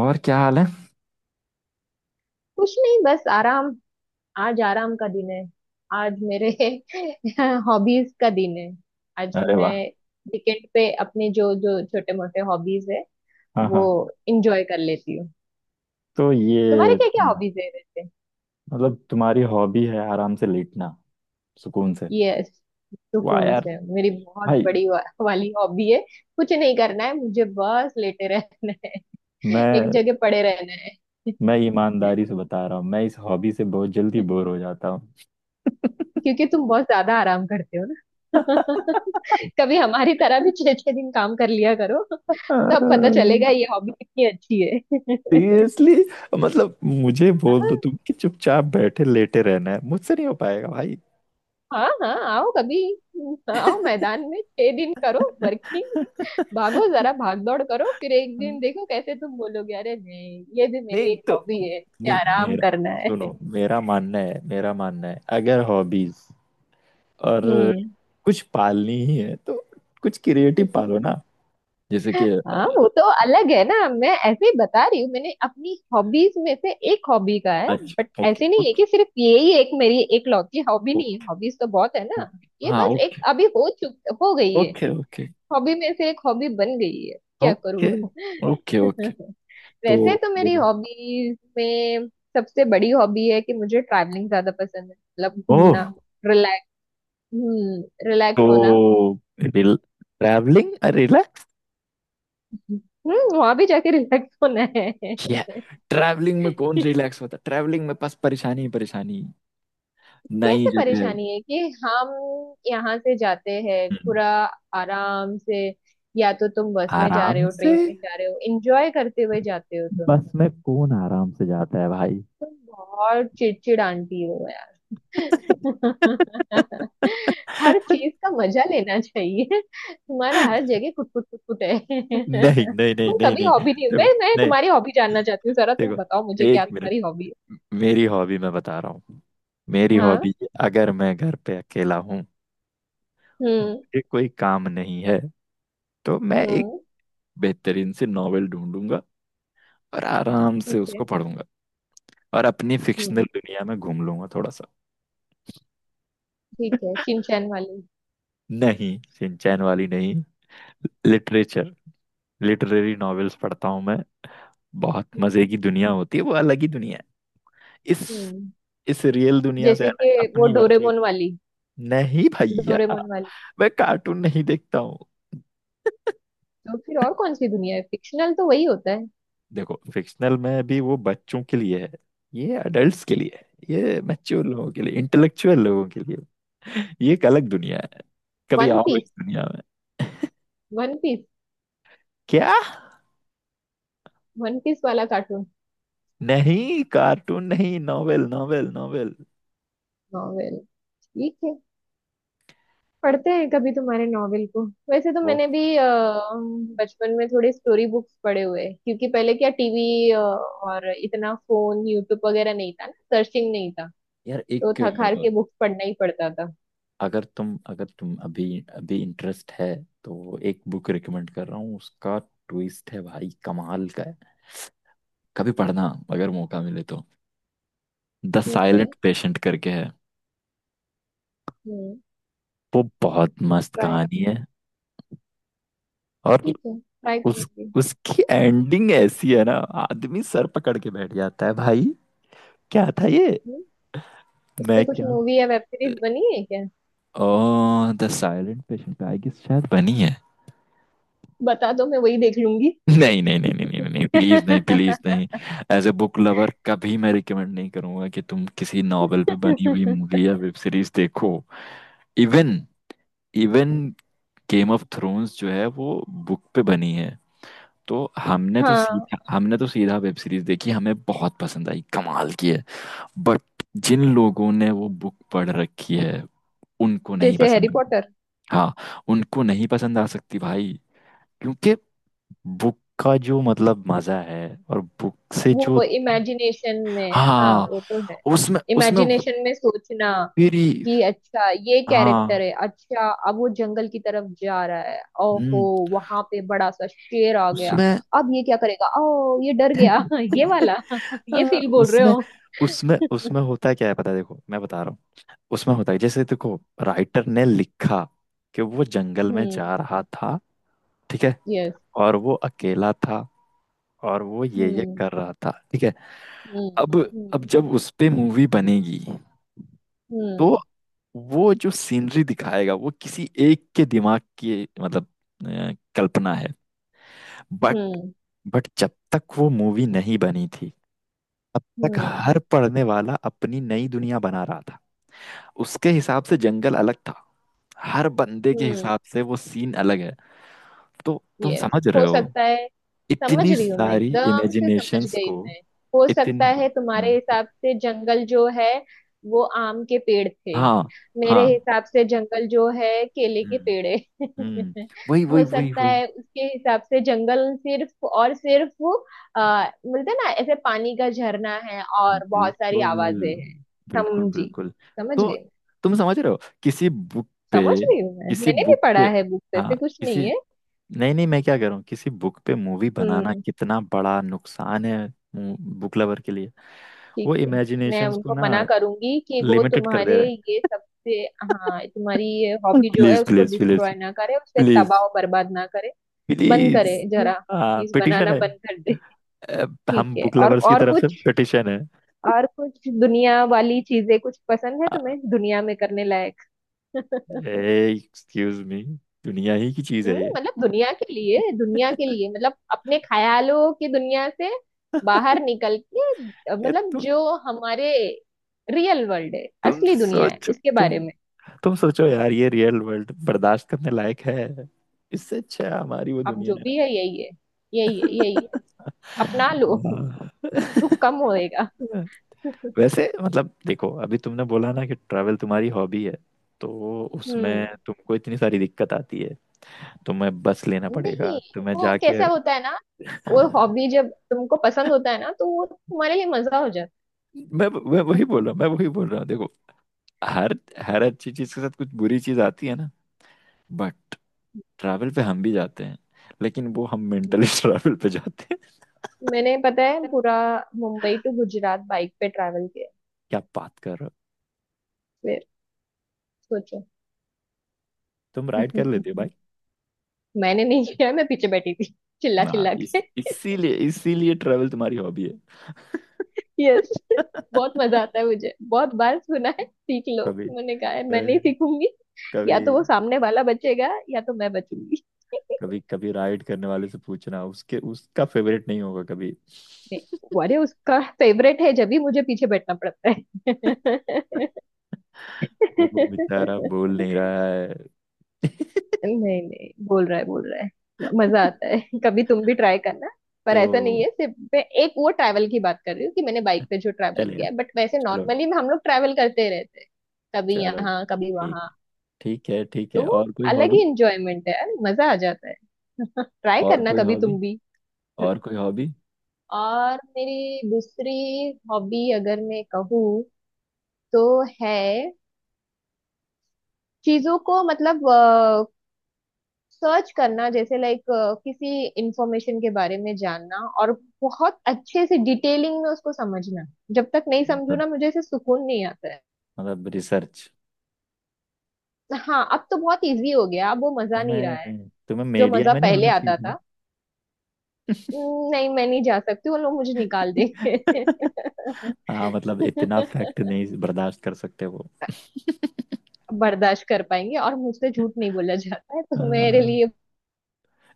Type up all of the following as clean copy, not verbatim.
और क्या हाल है? कुछ नहीं, बस आराम। आज आराम का दिन है। आज मेरे हॉबीज का दिन है। आज अरे मैं वाह। वीकेंड पे अपने जो जो छोटे मोटे हॉबीज है हाँ वो हाँ। इंजॉय कर लेती हूँ। तो तुम्हारे ये, क्या क्या हॉबीज है वैसे? मतलब तुम्हारी हॉबी है आराम से लेटना, सुकून से। यस, वाह सुकून यार, से मेरी बहुत भाई। बड़ी वाली हॉबी है। कुछ नहीं करना है मुझे, बस लेटे रहना है। एक मैं जगह पड़े रहना है। मैं ईमानदारी से बता रहा हूँ, मैं इस हॉबी से बहुत जल्दी बोर हो जाता हूँ। क्योंकि तुम बहुत ज्यादा आराम करते हो ना। कभी हमारी तरह भी छह छह दिन काम कर लिया करो। तब पता चलेगा ये हॉबी कितनी अच्छी है। सीरियसली, मतलब मुझे बोल दो हाँ, तुम कि चुपचाप बैठे लेटे रहना है, मुझसे नहीं हो पाएगा भाई। हाँ हाँ, आओ कभी। हाँ, आओ, मैदान में छह दिन करो वर्किंग। भागो, जरा भाग दौड़ करो, फिर एक दिन देखो कैसे तुम बोलोगे, अरे नहीं ये भी नहीं मेरी एक तो। हॉबी है, मुझे नहीं, आराम मेरा... करना है। सुनो, मेरा मानना है, अगर हॉबीज और हम्म। कुछ पालनी ही है तो कुछ क्रिएटिव पालो ना, जैसे कि... हाँ वो तो अलग है ना, मैं ऐसे ही बता रही हूँ, मैंने अपनी हॉबीज में से एक हॉबी का है। अच्छा, ओके, ऐसे नहीं है ओके, कि सिर्फ यही एक मेरी एकलौती हॉबी नहीं है, ओके, हॉबीज तो बहुत है ना। ओके। ये हाँ, बस एक ओके, अभी हो गई है। ओके, ओके, हॉबी में से एक हॉबी बन गई है, क्या करूं। Okay, okay, okay. वैसे तो... तो मेरी हॉबीज में सबसे बड़ी हॉबी है कि मुझे ट्रैवलिंग ज्यादा पसंद है, मतलब ओह। घूमना। रिलैक्स। हम्म। रिलैक्स होना। तो ट्रैवलिंग रिलैक्स? हम्म, वहां भी जाके रिलैक्स होना है। क्या? ट्रैवलिंग में कौन रिलैक्स होता है? ट्रैवलिंग में बस परेशानी ही परेशानी। नई कैसे जगह है। परेशानी है कि हम यहाँ से जाते हैं, हम्म। पूरा आराम से। या तो तुम बस में जा रहे आराम हो, से। ट्रेन में जा रहे हो, एंजॉय करते हुए जाते हो तुम। बस में कौन आराम से जाता है भाई? तुम बहुत चिड़चिड़ आंटी हो यार। हर चीज का मजा लेना चाहिए। तुम्हारा हर जगह कुट कुट कुट कुट है। नहीं, नहीं, नहीं, तुम नहीं, कभी नहीं। हॉबी नहीं, देखो, मैं नहीं, तुम्हारी हॉबी जानना चाहती हूँ, जरा तुम देखो, बताओ मुझे एक क्या मिनट। तुम्हारी हॉबी मेरी हॉबी मैं बता रहा हूँ, मेरी है। हाँ। हॉबी। अगर मैं घर पे अकेला हूँ, हम्म। मुझे कोई काम नहीं है, तो मैं एक हम्म। बेहतरीन से नॉवेल ढूंढूंगा और आराम से ठीक है। उसको पढ़ूंगा, और अपनी फिक्शनल हम्म। दुनिया में घूम लूंगा थोड़ा सा। ठीक है, चिंचैन वाली। नहीं, सिंचैन वाली नहीं, लिटरेचर, लिटरेरी नॉवेल्स पढ़ता हूँ मैं। बहुत मजे हम्म। की दुनिया होती है, वो अलग ही दुनिया है। इस हम्म। इस रियल दुनिया से जैसे अलग, कि वो अपनी वर्चुअल। डोरेमोन वाली। नहीं भैया, डोरेमोन वाली। मैं कार्टून नहीं देखता हूँ। तो फिर और कौन सी दुनिया है, फिक्शनल तो वही होता है। देखो, फिक्शनल में भी वो बच्चों के लिए है, ये अडल्ट्स के लिए है, ये मैच्योर लोगों के लिए, इंटेलेक्चुअल लोगों के लिए, ये एक अलग दुनिया है। कभी वन आओ पीस। इस दुनिया में। One piece. क्या? वन पीस वाला कार्टून। नहीं, कार्टून नहीं, नॉवेल, नॉवेल, नॉवेल। नॉवेल। ठीक है। पढ़ते हैं कभी तुम्हारे नॉवेल को। वैसे तो वो... मैंने भी बचपन में थोड़े स्टोरी बुक्स पढ़े हुए हैं, क्योंकि पहले क्या टीवी और इतना फोन यूट्यूब वगैरह नहीं था ना, सर्चिंग नहीं था। यार, तो एक... थक हार के बुक्स पढ़ना ही पड़ता था। अगर तुम अभी अभी इंटरेस्ट है, तो एक बुक रिकमेंड कर रहा हूँ। उसका ट्विस्ट है भाई, कमाल का है। कभी पढ़ना, अगर मौका मिले तो। द ठीक है। साइलेंट पेशेंट करके है, हम्म। वो बहुत मस्त ट्राई। कहानी है। और ठीक है, ट्राई उस करूंगी। उसकी एंडिंग ऐसी है ना, आदमी सर पकड़ के बैठ जाता है भाई। क्या था ये? हम्म। उस मैं पे कुछ क्या... मूवी या वेब सीरीज बनी है क्या? Oh, the silent patient, I guess शायद बनी है। बता दो, मैं वही देख लूंगी। नहीं, नहीं, नहीं, नहीं, नहीं, नहीं, प्लीज नहीं, प्लीज नहीं। एज ए बुक लवर, कभी मैं रिकमेंड नहीं करूंगा कि तुम किसी नॉवेल पे बनी हुई मूवी या वेब सीरीज देखो। Even even Game of Thrones जो है वो बुक पे बनी है, तो हमने तो हाँ। सीधा हमने तो सीधा वेब सीरीज देखी, हमें बहुत पसंद आई, कमाल की है। बट जिन लोगों ने वो बुक पढ़ रखी है, उनको नहीं जैसे हैरी पसंद। पॉटर। हाँ, उनको नहीं पसंद आ सकती भाई, क्योंकि बुक का जो मतलब मजा है, और बुक से जो... वो इमेजिनेशन में, हाँ हाँ, वो तो है। उसमें उसमें इमेजिनेशन में सोचना मेरी... कि अच्छा ये हाँ, कैरेक्टर है, अच्छा अब वो जंगल की तरफ जा रहा है, ओहो हम्म, वहां पे बड़ा सा शेर आ गया, उसमें... अब ये क्या करेगा, ओ ये डर गया। ये वाला। ये हाँ, फील बोल रहे उसमें हो। उसमें उसमें होता क्या है, पता है? देखो, मैं बता रहा हूँ। उसमें होता है, जैसे देखो, राइटर ने लिखा कि वो जंगल में हम्म। जा रहा था, ठीक है? यस। और वो अकेला था, और वो ये हम्म। कर रहा था, ठीक है? हम्म। अब अब हम्म। जब उस पे मूवी बनेगी, तो वो जो सीनरी दिखाएगा वो किसी एक के दिमाग की, मतलब कल्पना है। But hmm. बट जब तक वो मूवी नहीं बनी थी, तब तक हम्म। हर पढ़ने वाला अपनी नई दुनिया बना रहा था। उसके हिसाब से जंगल अलग था, हर बंदे के हम्म। हिसाब से वो सीन अलग है। तो तुम यस, समझ रहे हो हो? सकता है। समझ इतनी रही हूँ मैं, सारी एकदम से समझ इमेजिनेशंस गई को... मैं। हो सकता इतनी... है तुम्हारे हम्म, हिसाब से जंगल जो है वो आम के पेड़ थे, हाँ मेरे हाँ, हिसाब से जंगल जो है केले के पेड़ हम्म, है। हम्म। वही, वही, हो वही, सकता वही। है उसके हिसाब से जंगल सिर्फ और सिर्फ बोलते हैं ना ऐसे, पानी का झरना है और बहुत सारी बिल्कुल, आवाजें हैं। बिल्कुल, समझी। बिल्कुल। समझ तो गई। तुम समझ रहे हो, किसी बुक समझ पे रही हूँ मैं, किसी मैंने भी बुक पढ़ा पे है बुक, हाँ, ऐसे कुछ किसी... नहीं है। नहीं, नहीं, मैं क्या कर रहा हूँ, किसी बुक पे मूवी बनाना हम्म। कितना बड़ा नुकसान है बुक लवर के लिए। ठीक वो है। मैं इमेजिनेशंस को उनको ना मना करूंगी कि वो लिमिटेड कर तुम्हारे दे रहे ये सबसे, हाँ तुम्हारी ये हैं। हॉबी जो है प्लीज, उसको प्लीज, प्लीज, डिस्ट्रॉय ना करे, उसे तबाह प्लीज, और बर्बाद ना करे। बंद प्लीज। करे जरा। हाँ, प्लीज पिटिशन बनाना है। बंद कर दे। अ, ठीक हम है, बुक लवर्स की और तरफ से कुछ? पिटिशन है। और कुछ दुनिया वाली चीजें, कुछ पसंद है तुम्हें दुनिया में करने लायक? एक्सक्यूज मी, दुनिया ही की चीज है हम्म, ये। मतलब दुनिया के लिए, दुनिया के लिए मतलब अपने ख्यालों की दुनिया से बाहर निकल के, ये... मतलब तुम जो हमारे रियल वर्ल्ड है, तुम असली दुनिया है सोचो, उसके तुम बारे में। तुम सोचो यार, ये रियल वर्ल्ड बर्दाश्त करने लायक है? इससे अच्छा हमारी वो अब दुनिया जो भी है यही है। यही है। है, यही है। अपना लो, हाँ। दुख कम होएगा। वैसे मतलब देखो, अभी तुमने बोला ना कि ट्रैवल तुम्हारी हॉबी है, तो उसमें हम्म। तुमको इतनी सारी दिक्कत आती है। तुम्हें बस लेना पड़ेगा, नहीं, तुम्हें वो जाके... कैसा होता है ना, वो हॉबी जब तुमको पसंद होता है ना तो वो तुम्हारे लिए मजा हो मैं जाता वही है। बोल रहा हूँ, मैं वही बोल रहा हूँ, देखो, हर हर अच्छी चीज के साथ कुछ बुरी चीज आती है ना, बट ट्रैवल पे हम भी जाते हैं, लेकिन वो हम मेंटली ट्रैवल पे जाते हैं। मैंने, पता है, पूरा मुंबई टू गुजरात बाइक पे ट्रैवल किया। क्या बात कर रहे हो! फिर सोचो। तुम राइड कर लेते हो भाई! मैंने नहीं किया, मैं पीछे बैठी थी, चिल्ला ना, चिल्ला इस के। इसीलिए इसीलिए ट्रैवल तुम्हारी हॉबी है। यस, बहुत मजा आता है मुझे, बहुत बार सुना है, सीख लो। कभी कभी मैंने कहा है मैं नहीं सीखूंगी। कभी या तो वो सामने वाला बचेगा या तो मैं बचूंगी। कभी कभी राइड करने वाले से पूछना, उसके... उसका फेवरेट नहीं होगा कभी। नहीं, वो अरे उसका फेवरेट है जब भी मुझे पीछे बैठना पड़ता है। वो बेचारा बोल नहीं रहा है। नहीं नहीं, बोल रहा है बोल रहा है। मजा आता है। कभी तुम भी ट्राई करना। पर तो ऐसा नहीं है, सिर्फ मैं एक वो ट्रैवल की बात कर रही हूँ कि मैंने बाइक पे जो ट्रैवल चलेगा, किया है, बट वैसे चलो, नॉर्मली हम लोग ट्रैवल करते रहते हैं, कभी चलो, यहाँ कभी ठीक है, वहां। ठीक है, ठीक तो है। वो और कोई अलग हॉबी? ही इंजॉयमेंट है यार, मजा आ जाता है। ट्राई और करना कोई कभी हॉबी? तुम भी। और कोई हॉबी? और मेरी दूसरी हॉबी अगर मैं कहूँ तो है चीजों को, मतलब सर्च करना, जैसे लाइक किसी इंफॉर्मेशन के बारे में जानना, और बहुत अच्छे से डिटेलिंग में उसको समझना। जब तक नहीं समझू मतलब... ना, मुझे ऐसे सुकून नहीं आता है। रिसर्च? हाँ, अब तो बहुत इजी हो गया, अब वो मजा नहीं रहा है, तुम्हें तुम्हें जो मीडिया मजा में नहीं पहले होना चाहिए आता था। था। नहीं, मैं नहीं जा सकती, वो लोग मुझे निकाल देंगे। हाँ, मतलब इतना फैक्ट नहीं बर्दाश्त कर सकते वो। बर्दाश्त कर पाएंगे, और मुझसे झूठ नहीं बोला जाता है, तो मेरे हाँ। लिए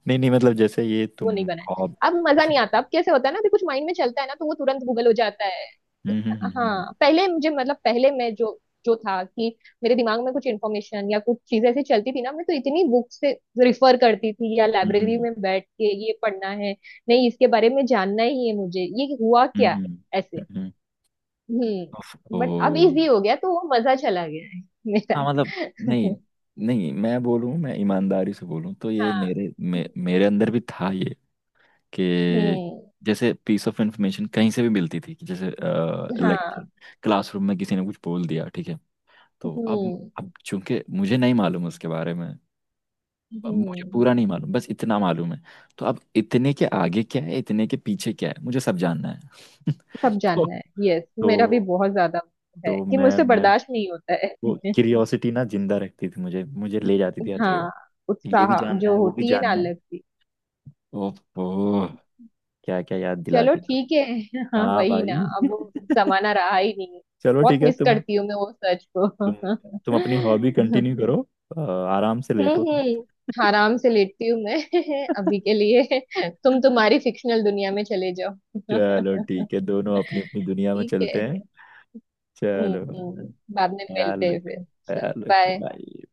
नहीं, नहीं, मतलब जैसे ये वो तुम नहीं बना है। हॉब... अब मजा नहीं आता। अब कैसे होता है ना कि कुछ माइंड में चलता है ना तो वो तुरंत गूगल हो जाता है। हम्म, हम्म, हम्म, हाँ, पहले मुझे, मतलब पहले मैं जो जो था कि मेरे दिमाग में कुछ इन्फॉर्मेशन या कुछ चीजें ऐसी चलती थी ना, मैं तो इतनी बुक से रिफर करती थी, या लाइब्रेरी हम्म, में बैठ के ये पढ़ना है, नहीं इसके बारे में जानना ही है मुझे, ये हुआ क्या है, हम्म, ऐसे। हम्म। उफ, ओ। हम्म, बट अब इजी हो गया तो वो मजा चला गया है मेरा। हाँ मतलब... नहीं, नहीं, मैं बोलूँ, मैं ईमानदारी से बोलूँ तो ये हाँ। मेरे अंदर भी था, ये कि हम्म। जैसे पीस ऑफ इंफॉर्मेशन कहीं से भी मिलती थी, कि जैसे लेक्चर, हाँ। क्लासरूम में किसी ने कुछ बोल दिया, ठीक है? तो अब हम्म। चूंकि मुझे नहीं मालूम उसके बारे में, मुझे हम्म। पूरा नहीं मालूम, बस इतना मालूम है, तो अब इतने के आगे क्या है, इतने के पीछे क्या है, मुझे सब जानना है। सब तो... जानना है। यस, मेरा भी तो बहुत ज्यादा है तो कि मैं मुझसे मैं बर्दाश्त नहीं होता है। वो क्यूरियोसिटी ना जिंदा रखती थी मुझे, ले जाती थी हर जगह। हाँ, ये भी उत्साह जानना जो है, वो भी होती है ना, जानना है। अलग सी। ओहो, क्या क्या याद चलो दिलाती। ठीक है। हाँ हाँ वही ना, भाई। अब वो जमाना रहा ही नहीं है। चलो बहुत ठीक है, मिस करती हूँ मैं वो सच तुम तुम अपनी हॉबी को। कंटिन्यू करो, अ, आराम से लेटो तुम। हम्म, आराम से लेटती हूँ मैं। अभी के लिए तुम तुम्हारी फिक्शनल दुनिया में चले जाओ। चलो ठीक है, दोनों अपनी अपनी दुनिया में ठीक चलते है। हैं। चलो, ख्याल बाद में मिलते हैं रखो, फिर। चलो, ख्याल रखो बाय। भाई।